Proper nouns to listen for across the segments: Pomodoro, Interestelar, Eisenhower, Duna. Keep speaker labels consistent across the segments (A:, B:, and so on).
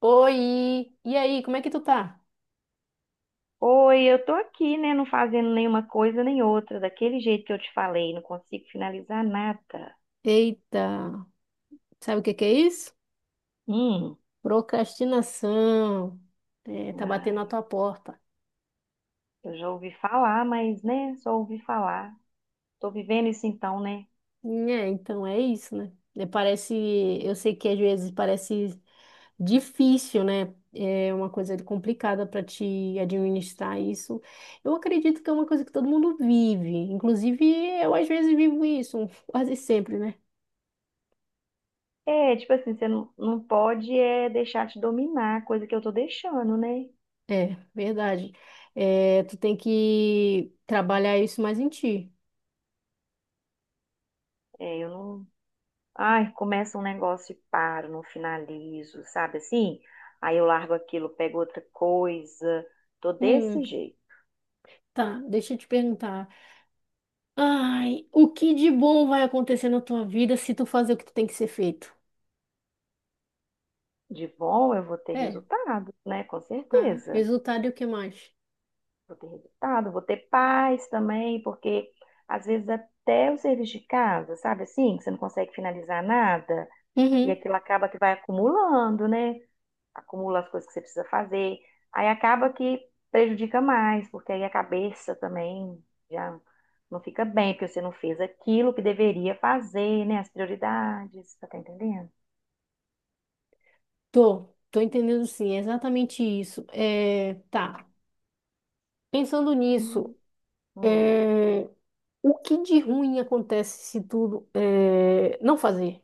A: Oi! E aí, como é que tu tá?
B: Oi, eu tô aqui, né? Não fazendo nenhuma coisa nem outra, daquele jeito que eu te falei, não consigo finalizar nada.
A: Eita, sabe o que que é isso?
B: Hum,
A: Procrastinação. É, tá batendo na
B: ai,
A: tua porta.
B: eu já ouvi falar, mas, né, só ouvi falar. Tô vivendo isso então, né?
A: É, então é isso, né? Eu sei que às vezes parece difícil, né? É uma coisa complicada para te administrar isso. Eu acredito que é uma coisa que todo mundo vive. Inclusive, eu às vezes vivo isso, quase sempre, né?
B: É, tipo assim, você não pode é deixar te dominar, coisa que eu tô deixando, né?
A: É, verdade. É, tu tem que trabalhar isso mais em ti.
B: É, eu não. Ai, começa um negócio e paro, não finalizo, sabe assim? Aí eu largo aquilo, pego outra coisa, tô
A: Hum,
B: desse jeito.
A: tá, deixa eu te perguntar. Ai, o que de bom vai acontecer na tua vida se tu fazer o que tu tem que ser feito?
B: De bom, eu vou ter
A: É,
B: resultado, né? Com
A: tá.
B: certeza.
A: Resultado e o que mais?
B: Vou ter resultado, vou ter paz também, porque às vezes até o serviço de casa, sabe assim, que você não consegue finalizar nada, e
A: Uhum,
B: aquilo acaba que vai acumulando, né? Acumula as coisas que você precisa fazer. Aí acaba que prejudica mais, porque aí a cabeça também já não fica bem, porque você não fez aquilo que deveria fazer, né? As prioridades, tá entendendo?
A: tô, tô entendendo sim, é exatamente isso. É, tá. Pensando nisso,
B: Sim.
A: é, o que de ruim acontece se não fazer?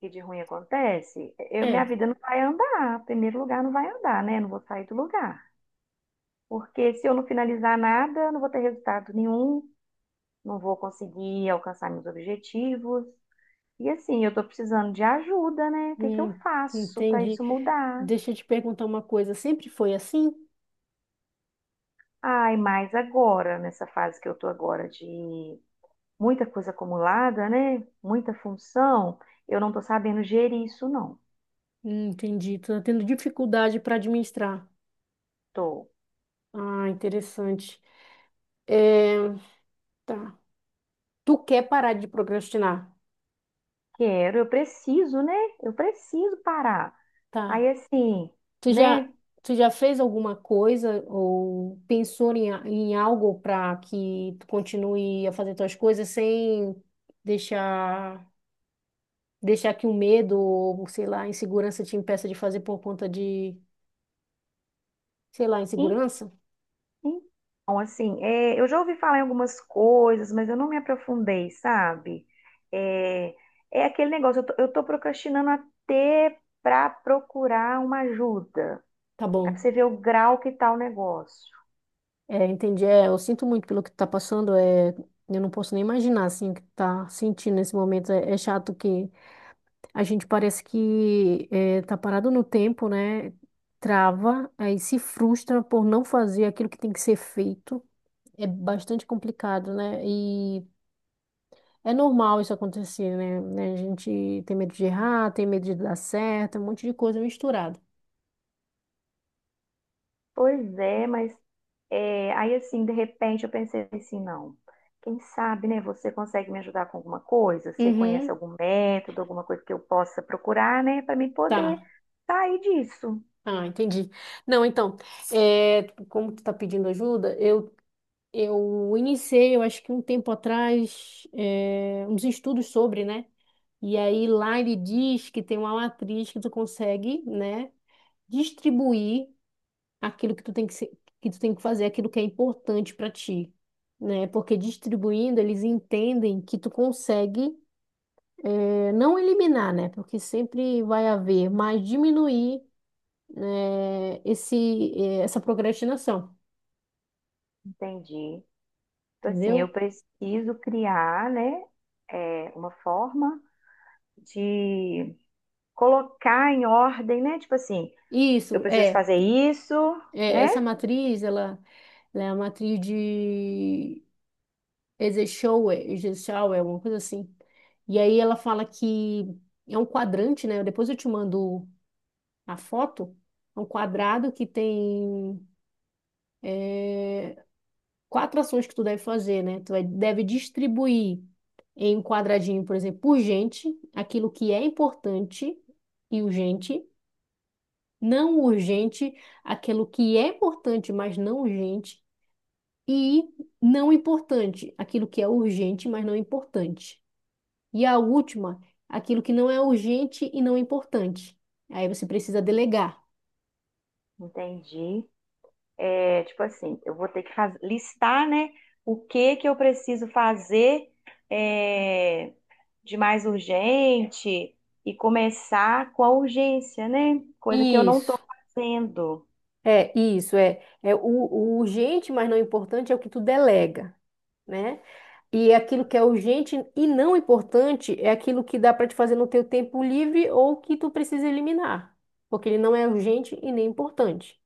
B: Que de ruim acontece, minha
A: É,
B: vida não vai andar. Em primeiro lugar, não vai andar, né? Não vou sair do lugar. Porque se eu não finalizar nada, não vou ter resultado nenhum, não vou conseguir alcançar meus objetivos. E assim, eu tô precisando de ajuda, né? O que que eu
A: hum,
B: faço para
A: entendi.
B: isso mudar?
A: Deixa eu te perguntar uma coisa, sempre foi assim?
B: Ai, mais agora, nessa fase que eu tô agora de muita coisa acumulada, né? Muita função, eu não tô sabendo gerir isso, não.
A: Entendi, tô tendo dificuldade para administrar.
B: Tô.
A: Ah, interessante. É, tá. Tu quer parar de procrastinar?
B: Quero, eu preciso, né? Eu preciso parar.
A: Tá.
B: Aí assim,
A: Tu já,
B: né?
A: tu já fez alguma coisa ou pensou em, em algo para que tu continue a fazer tuas coisas sem deixar, deixar que o medo ou, sei lá, a insegurança te impeça de fazer por conta de, sei lá, insegurança?
B: Então, assim, eu já ouvi falar em algumas coisas, mas eu não me aprofundei, sabe? É, é aquele negócio, eu tô procrastinando até pra procurar uma ajuda.
A: Tá
B: Aí pra
A: bom.
B: você ver o grau que tá o negócio.
A: É, entendi. É, eu sinto muito pelo que tu tá passando. É, eu não posso nem imaginar, assim, o que tu tá sentindo nesse momento. É, é chato que a gente parece que tá parado no tempo, né? Trava, aí se frustra por não fazer aquilo que tem que ser feito. É bastante complicado, né? E é normal isso acontecer, né? Né? A gente tem medo de errar, tem medo de dar certo, um monte de coisa misturada.
B: Pois é, mas é, aí assim, de repente eu pensei assim, não. Quem sabe, né? Você consegue me ajudar com alguma coisa? Você
A: Uhum,
B: conhece algum método, alguma coisa que eu possa procurar, né? Pra mim poder
A: tá.
B: sair disso.
A: Ah, entendi. Não, então, é como tu tá pedindo ajuda, eu iniciei, eu acho que um tempo atrás, uns estudos sobre, né? E aí lá ele diz que tem uma matriz que tu consegue, né, distribuir aquilo que tu tem que ser, que tu tem que fazer, aquilo que é importante para ti, né? Porque distribuindo eles entendem que tu consegue não eliminar, né? Porque sempre vai haver, mas diminuir essa procrastinação,
B: Entendi. Tipo assim, eu
A: entendeu?
B: preciso criar, né, uma forma de colocar em ordem, né? Tipo assim, eu
A: Isso
B: preciso
A: é,
B: fazer isso,
A: é
B: né?
A: essa matriz, ela é a matriz de Eisenhower, uma coisa assim. E aí ela fala que é um quadrante, né? Depois eu te mando a foto. É um quadrado que tem quatro ações que tu deve fazer, né? Deve distribuir em um quadradinho, por exemplo, urgente, aquilo que é importante e urgente, não urgente, aquilo que é importante, mas não urgente, e não importante, aquilo que é urgente, mas não importante. E a última, aquilo que não é urgente e não importante. Aí você precisa delegar.
B: Entendi. É, tipo assim, eu vou ter que listar, né, o que que eu preciso fazer é, de mais urgente e começar com a urgência, né? Coisa que eu não estou
A: Isso,
B: fazendo.
A: o urgente, mas não importante é o que tu delega, né? E é aquilo que é urgente e não importante é aquilo que dá para te fazer no teu tempo livre ou que tu precisa eliminar, porque ele não é urgente e nem importante.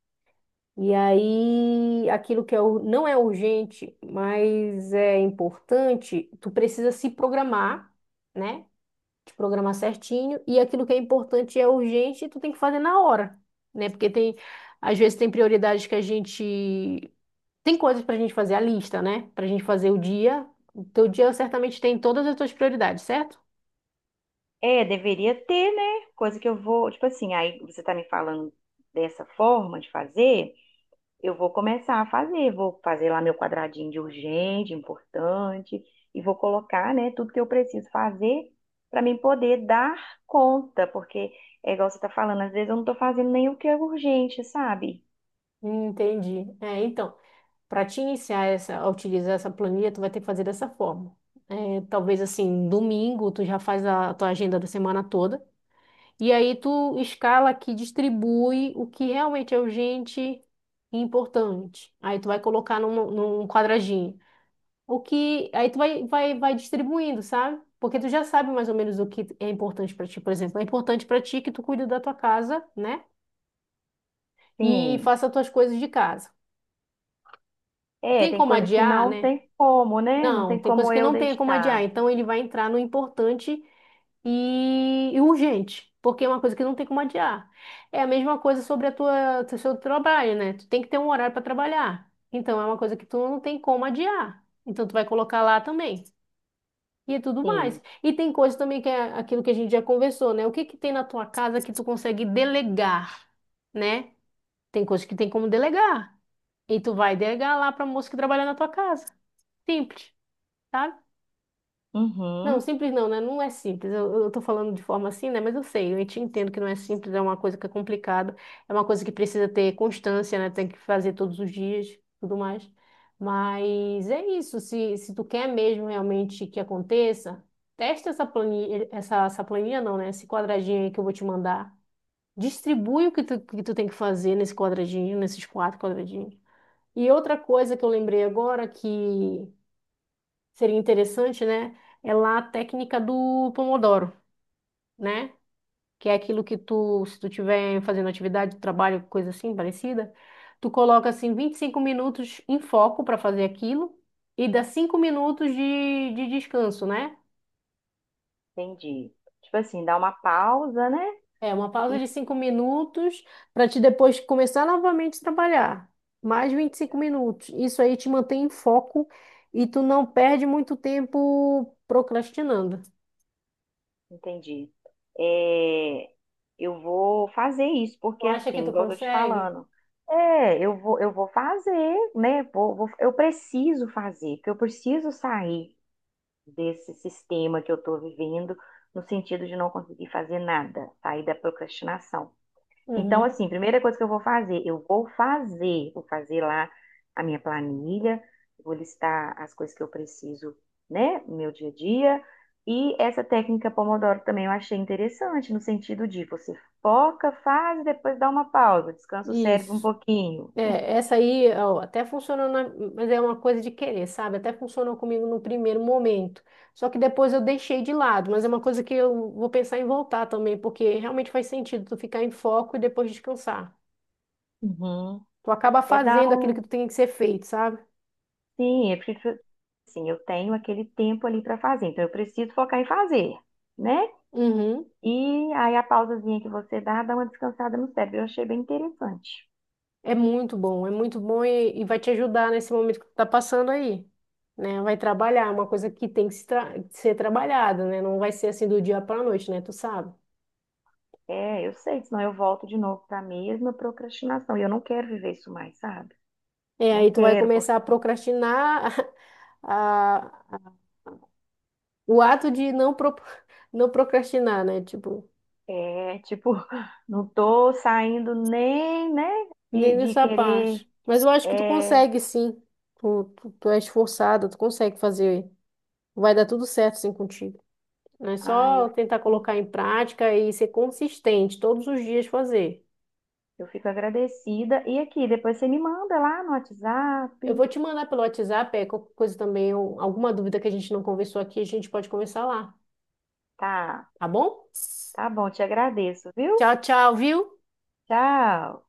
A: E aí, aquilo que não é urgente, mas é importante, tu precisa se programar, né? Te programar certinho e aquilo que é importante e é urgente, tu tem que fazer na hora, né? Porque tem, às vezes tem prioridades que a gente tem coisas pra gente fazer a lista, né? Pra gente fazer o dia. O teu dia certamente tem todas as tuas prioridades, certo?
B: É, deveria ter, né? Coisa que eu vou, tipo assim, aí você tá me falando dessa forma de fazer, eu vou começar a fazer, vou fazer lá meu quadradinho de urgente, importante, e vou colocar, né, tudo que eu preciso fazer para mim poder dar conta, porque é igual você tá falando, às vezes eu não tô fazendo nem o que é urgente, sabe?
A: Entendi. É, então, para te iniciar a utilizar essa planilha, tu vai ter que fazer dessa forma. É, talvez assim, domingo tu já faz a tua agenda da semana toda. E aí tu escala aqui, distribui o que realmente é urgente e importante. Aí tu vai colocar num quadradinho. O que aí tu vai distribuindo, sabe? Porque tu já sabe mais ou menos o que é importante pra ti. Por exemplo, é importante pra ti que tu cuide da tua casa, né? E
B: Sim.
A: faça as tuas coisas de casa.
B: É,
A: Tem
B: tem
A: como
B: coisa que
A: adiar,
B: não
A: né?
B: tem como, né? Não
A: Não,
B: tem
A: tem coisa
B: como
A: que
B: eu
A: não tem como adiar.
B: deixar.
A: Então ele vai entrar no importante e urgente, porque é uma coisa que não tem como adiar. É a mesma coisa sobre o seu trabalho, né? Tu tem que ter um horário para trabalhar. Então é uma coisa que tu não tem como adiar. Então tu vai colocar lá também. E é tudo mais.
B: Sim.
A: E tem coisa também que é aquilo que a gente já conversou, né? O que que tem na tua casa que tu consegue delegar, né? Tem coisa que tem como delegar. E tu vai delegar lá para moça que trabalha na tua casa. Simples, sabe? Não,
B: Uhum.
A: simples não, né? Não é simples. Eu tô falando de forma assim, né? Mas eu sei, eu te entendo que não é simples, é uma coisa que é complicada, é uma coisa que precisa ter constância, né? Tem que fazer todos os dias, tudo mais. Mas é isso, se tu quer mesmo realmente que aconteça, testa essa planilha, essa planilha não, né? Esse quadradinho aí que eu vou te mandar. Distribui que tu tem que fazer nesse quadradinho, nesses quatro quadradinhos. E outra coisa que eu lembrei agora que seria interessante, né? É lá a técnica do Pomodoro, né? Que é aquilo que tu, se tu tiver fazendo atividade, trabalho, coisa assim, parecida, tu coloca assim 25 minutos em foco para fazer aquilo e dá 5 minutos de descanso, né?
B: Entendi. Tipo assim, dá uma pausa, né?
A: É uma pausa de 5 minutos para te depois começar novamente a trabalhar. Mais 25 minutos. Isso aí te mantém em foco e tu não perde muito tempo procrastinando.
B: Entendi. É, eu vou fazer isso,
A: Tu
B: porque
A: acha que
B: assim,
A: tu
B: igual eu tô te
A: consegue?
B: falando, é, eu vou fazer, né? Eu preciso fazer, porque eu preciso sair desse sistema que eu tô vivendo, no sentido de não conseguir fazer nada, sair da procrastinação. Então,
A: Uhum.
B: assim, primeira coisa que eu vou fazer, vou fazer lá a minha planilha, vou listar as coisas que eu preciso, né, no meu dia a dia. E essa técnica Pomodoro também eu achei interessante, no sentido de você foca, faz, depois dá uma pausa, descansa o cérebro um
A: Isso.
B: pouquinho.
A: É, essa aí ó, até funcionou, mas é uma coisa de querer, sabe? Até funcionou comigo no primeiro momento. Só que depois eu deixei de lado, mas é uma coisa que eu vou pensar em voltar também, porque realmente faz sentido tu ficar em foco e depois descansar.
B: Uhum.
A: Tu acaba
B: É dar
A: fazendo aquilo que
B: um.
A: tu tem que ser feito, sabe?
B: Sim, é porque, assim, eu tenho aquele tempo ali para fazer, então eu preciso focar em fazer, né?
A: Uhum.
B: E aí a pausazinha que você dá, dá uma descansada no cérebro. Eu achei bem interessante.
A: É muito bom, e vai te ajudar nesse momento que tu tá passando aí, né? Vai trabalhar, é uma coisa que tem que se tra- ser trabalhada, né? Não vai ser assim do dia pra noite, né? Tu sabe?
B: É, eu sei, senão eu volto de novo para a mesma procrastinação. E eu não quero viver isso mais, sabe?
A: É,
B: Não
A: aí tu vai
B: quero,
A: começar a
B: porque
A: procrastinar a, a- o ato de não procrastinar, né? Tipo,
B: é tipo, não tô saindo nem, né,
A: nem
B: de
A: nessa parte.
B: querer.
A: Mas eu acho que tu
B: É,
A: consegue, sim. Tu é esforçada, tu consegue fazer. Vai dar tudo certo, sim, contigo. É
B: ai,
A: só tentar colocar em prática e ser consistente, todos os dias fazer.
B: eu fico agradecida. E aqui, depois você me manda lá no
A: Eu
B: WhatsApp.
A: vou te mandar pelo WhatsApp, é, qualquer coisa também, ou alguma dúvida que a gente não conversou aqui, a gente pode conversar lá,
B: Tá,
A: tá bom?
B: tá bom, te agradeço, viu?
A: Tchau, tchau, viu?
B: Tchau.